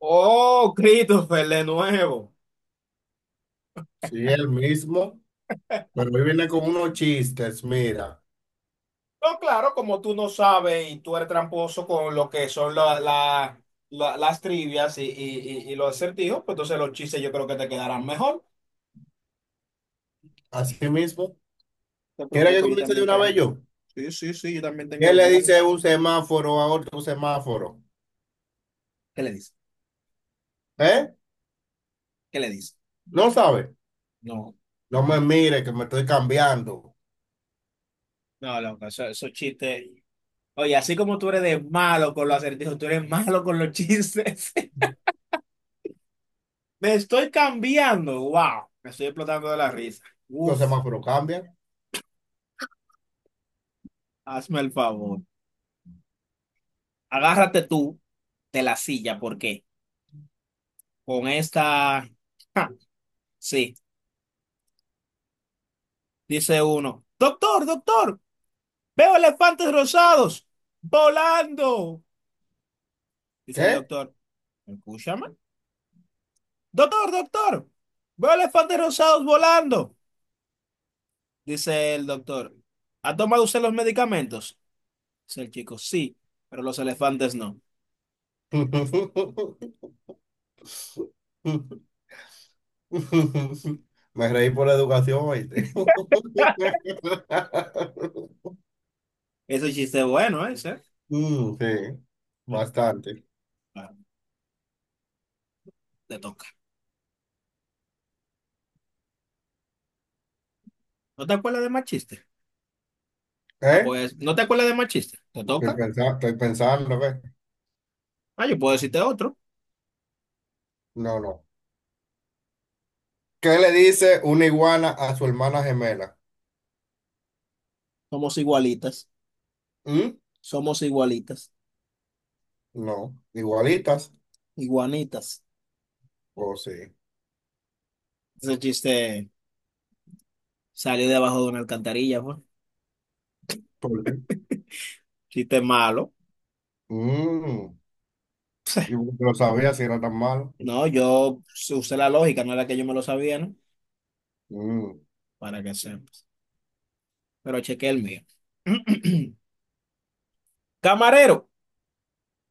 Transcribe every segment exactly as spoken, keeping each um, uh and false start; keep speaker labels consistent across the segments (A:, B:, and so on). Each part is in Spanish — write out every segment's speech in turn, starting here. A: Oh, Christopher, de nuevo.
B: Sí, el mismo, pero hoy viene con unos chistes, mira,
A: No, claro, como tú no sabes y tú eres tramposo con lo que son la- la- la- las trivias y, y- y- y los acertijos, pues entonces los chistes yo creo que te quedarán mejor.
B: así mismo.
A: No te
B: ¿Quiere que
A: preocupes, yo
B: comience de
A: también
B: una
A: tengo.
B: vez yo?
A: Sí, sí, sí, yo también tengo
B: ¿Qué le dice
A: algunos.
B: un semáforo a otro semáforo?
A: ¿Qué le dice?
B: ¿Eh?
A: ¿Qué le dice?
B: ¿No sabe?
A: No,
B: No me mire que me estoy cambiando.
A: no, loco, eso- esos chistes. Oye, así como tú eres de malo con los acertijos, tú eres malo con los chistes. Me estoy cambiando. Wow, me estoy explotando de la risa.
B: Los
A: Uf,
B: semáforos cambian.
A: hazme el favor. Agárrate tú de la silla porque con esta... Ja, sí, dice uno. Doctor, doctor, veo elefantes rosados volando. Dice el
B: ¿Qué?
A: doctor. Escúchame. Doctor, doctor, veo elefantes rosados volando. Dice el doctor. ¿Ha tomado usted los medicamentos? Dice el chico. Sí, pero los elefantes no.
B: Me reí por la educación, ¿oíste?
A: Ese es un chiste bueno, ¿eh? Ese.
B: Mm, sí, bastante.
A: Ah, te toca. ¿No te acuerdas de más chiste? Ah,
B: ¿Eh?
A: pues, ¿no te acuerdas de más chiste? ¿Te
B: Estoy
A: toca?
B: pensando, estoy pensando, ¿ves?
A: Ah, yo puedo decirte otro.
B: No, no. ¿Qué le dice una iguana a su hermana gemela?
A: Somos igualitas,
B: ¿Mm?
A: somos igualitas,
B: No, igualitas.
A: iguanitas.
B: O sí.
A: Ese chiste salió debajo de una alcantarilla, fue.
B: ¿Por qué?
A: Chiste malo.
B: Mm, y porque lo sabía si era tan malo.
A: No, yo usé la lógica, no era que yo me lo sabía, ¿no?
B: Mm.
A: Para que sepas. Pero chequé el mío. Camarero,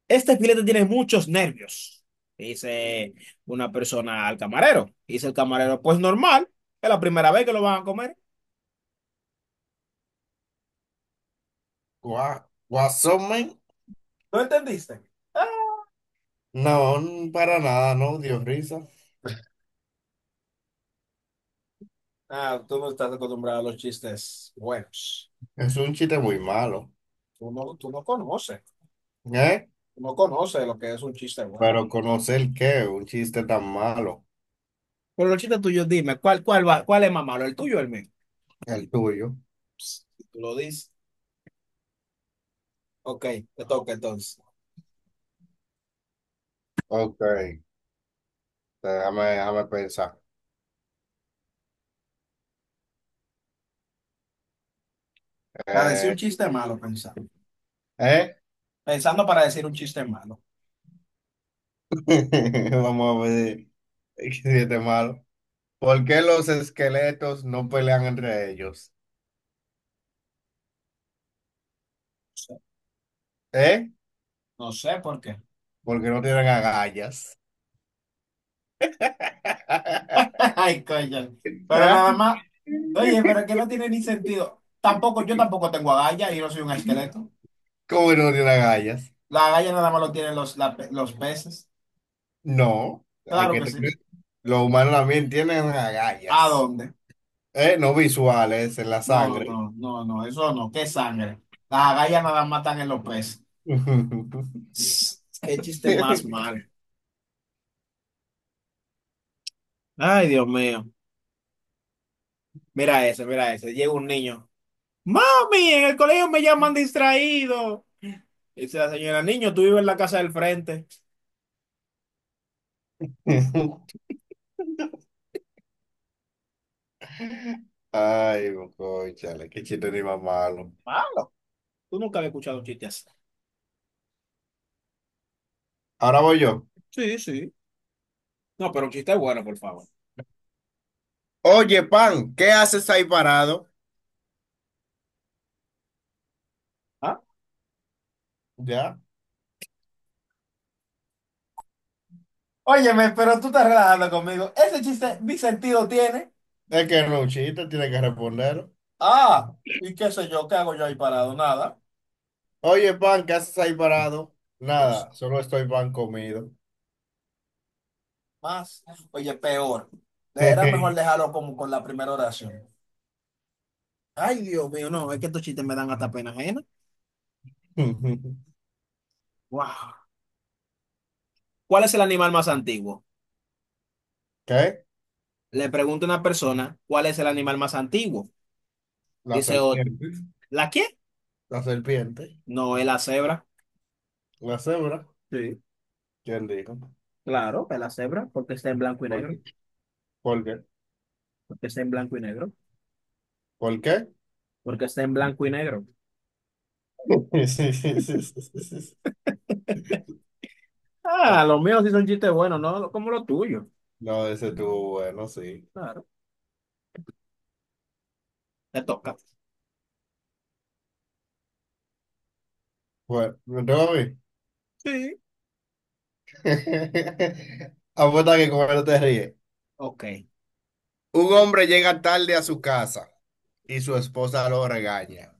A: este filete tiene muchos nervios, dice una persona al camarero. Dice el camarero, pues normal, es la primera vez que lo van a comer.
B: Gua- ¿Guasón, men?
A: ¿No entendiste? Ah,
B: No, mm, para nada, no, Dios risa.
A: ah, tú no estás acostumbrado a los chistes buenos.
B: Es un chiste muy malo.
A: Tú no, tú no conoces.
B: ¿Eh?
A: No conoce lo que es un chiste bueno.
B: Pero conocer qué, un chiste tan malo.
A: Por los chistes tuyos, dime, ¿cuál, cuál va, ¿cuál es más malo, el tuyo o el mío?
B: El tuyo.
A: Psst, tú lo dices. Ok, te toca entonces.
B: Ok, déjame, déjame pensar.
A: Para decir un
B: Eh,
A: chiste malo, pensando.
B: ¿eh?
A: Pensando para decir un chiste malo.
B: Vamos a ver. ¿Qué chiste malo? ¿Por qué los esqueletos no pelean entre ellos?
A: No sé,
B: ¿Eh?
A: no sé por qué.
B: Porque no tienen agallas.
A: Ay, coño. Pero nada más. Oye, pero es que no tiene ni sentido. Tampoco, yo tampoco tengo agallas y no soy un esqueleto.
B: ¿Cómo que no tienen agallas?
A: La agalla nada más lo tienen los, la pe- los peces.
B: No, hay
A: Claro
B: que
A: que sí.
B: tener. Los humanos también tienen
A: ¿A
B: agallas.
A: dónde?
B: ¿Eh? No visuales en la
A: No,
B: sangre.
A: no, no, no, eso no. ¿Qué sangre? Las agallas nada más están en los peces. Qué chiste más mal. Ay, Dios mío. Mira ese, mira ese. Llega un niño. Mami, en el colegio me llaman distraído. Dice la señora, niño, tú vives en la casa del frente.
B: Ay, cónchale, qué chiste ni más malo.
A: Malo. Tú nunca habías escuchado un chiste así.
B: Ahora voy yo.
A: Sí, sí. No, pero un chiste bueno, por favor.
B: Oye, pan, ¿qué haces ahí parado?
A: ¿Ah?
B: Ya.
A: Óyeme, pero tú estás relajando conmigo. Ese chiste, mi sentido tiene.
B: Es que no es un chiste, tiene que responder.
A: Ah, y qué sé yo, ¿qué hago yo ahí parado? Nada.
B: Oye, pan, ¿qué haces ahí parado?
A: No sé,
B: Nada, solo estoy pan comido.
A: más. Oye, peor. Era mejor dejarlo como con la primera oración. Ay, Dios mío, no, es que estos chistes me dan hasta pena ajena. Wow. ¿Cuál es el animal más antiguo?
B: ¿Qué?
A: Le pregunta una persona, ¿cuál es el animal más antiguo?
B: Las
A: Dice, "Oh,
B: serpientes,
A: ¿la qué?
B: la serpiente,
A: No, es la cebra.
B: la cebra.
A: Sí,
B: ¿Quién dijo?
A: claro, es la cebra, porque está en blanco y
B: ¿Por
A: negro,
B: qué? ¿Por qué?
A: porque está en blanco y negro,
B: ¿Por qué?
A: porque está en blanco y negro.
B: Sí, sí, sí, sí, sí, sí.
A: Ah, los míos sí son chistes buenos, ¿no? Como los tuyos.
B: No, ese estuvo bueno, sí.
A: Claro, te toca.
B: Bueno, me tengo a mí.
A: Sí.
B: Apuesta que con él te ríes.
A: Ok.
B: Un hombre llega tarde a su casa y su esposa lo regaña.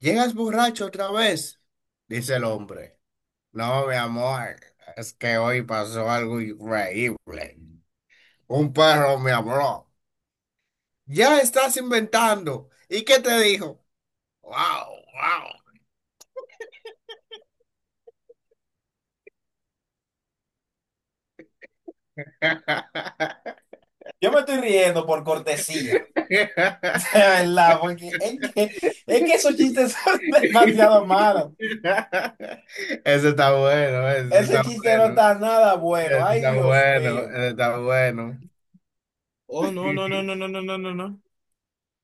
B: ¿Llegas borracho otra vez? Dice el hombre. No, mi amor, es que hoy pasó algo increíble. Un perro me habló. Ya estás inventando. ¿Y qué te dijo? Wow, wow.
A: Yo me estoy riendo por cortesía, de verdad, porque es que, es que esos chistes son demasiado malos.
B: Ese está bueno, ese
A: Ese
B: está
A: chiste no
B: bueno.
A: está nada bueno.
B: Ese
A: Ay,
B: está
A: Dios
B: bueno,
A: mío.
B: ese está bueno.
A: Oh, no, no, no, no, no, no, no, no, no.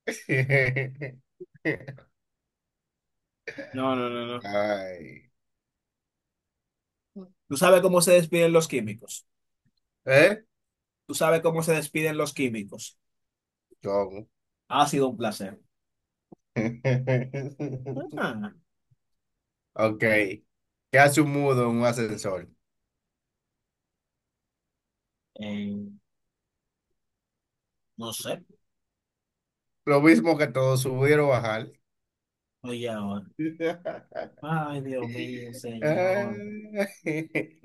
A: No, no, no, no.
B: Ay.
A: Tú sabes cómo se despiden los químicos.
B: ¿Eh?
A: Tú sabes cómo se despiden los químicos.
B: ¿Cómo?
A: Ha sido un placer. Ajá.
B: Ok. ¿Qué hace un mudo en un ascensor?
A: Eh, no sé.
B: Lo mismo que todo subir o bajar.
A: Oye, ahora. Ay, Dios mío, señor.
B: Ay.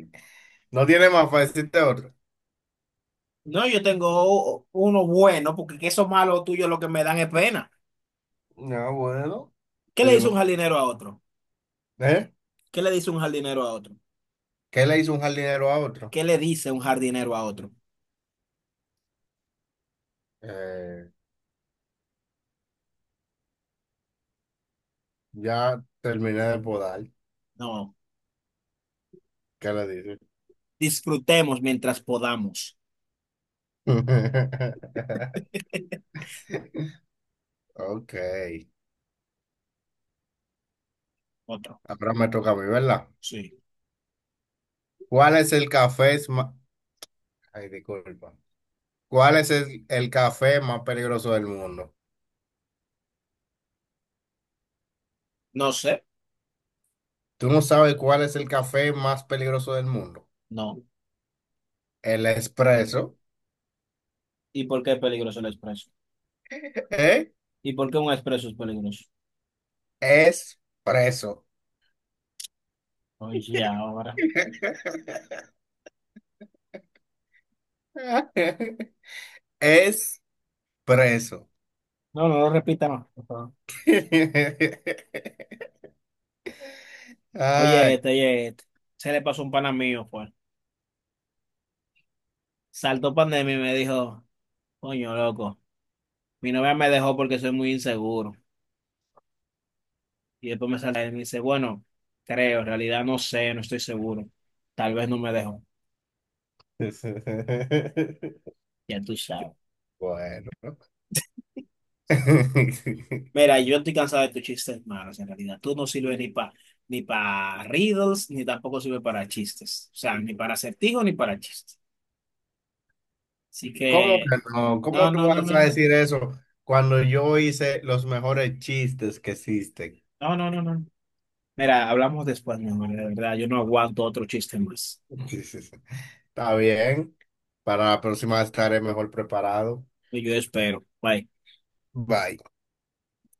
B: No tiene más fácil de otro.
A: No, yo tengo o- uno bueno, porque que esos malos tuyos lo que me dan es pena.
B: No, bueno.
A: ¿Qué le dice
B: Digo,
A: un jardinero a otro?
B: ¿eh?
A: ¿Qué le dice un jardinero a otro?
B: ¿Qué le hizo un jardinero a otro?
A: ¿Qué le dice un jardinero a otro?
B: Eh, ya terminé de podar.
A: No,
B: ¿Qué le dice?
A: disfrutemos mientras podamos.
B: Ok.
A: Otro.
B: Ahora me toca a mí, ¿verdad?
A: Sí.
B: ¿Cuál es el café más... Ay, disculpa. ¿Cuál es el, el café más peligroso del mundo?
A: No sé,
B: Tú no sabes cuál es el café más peligroso del mundo.
A: no.
B: El espresso.
A: ¿Y por qué es peligroso el expreso?
B: ¿Eh?
A: ¿Y por qué un expreso es peligroso?
B: Espresso.
A: Oye, ahora.
B: Es
A: No, no lo repita más, por favor. Oye,
B: Ay.
A: este, oye, este. Se le pasó un pana mío, pues. Saltó pandemia y me dijo, coño, loco, mi novia me dejó porque soy muy inseguro. Y después me sale y me dice, bueno, creo, en realidad no sé, no estoy seguro. Tal vez no me dejó. Ya tú sabes.
B: Bueno.
A: Mira, yo estoy cansado de tus chistes malos, en realidad. Tú no sirves ni para ni para riddles, ni tampoco sirves para chistes. O sea, ni para acertijos, ni para chistes. Así
B: ¿Cómo
A: que,
B: que no?
A: no,
B: ¿Cómo tú
A: no, no,
B: vas a
A: no,
B: decir eso cuando yo hice los mejores chistes que existen?
A: no, no, no, no. No. Mira, hablamos después, mi amor, de verdad. Yo no aguanto otro chiste más.
B: Está bien. Para la próxima estaré mejor preparado.
A: Y Yo espero. Bye.
B: Bye.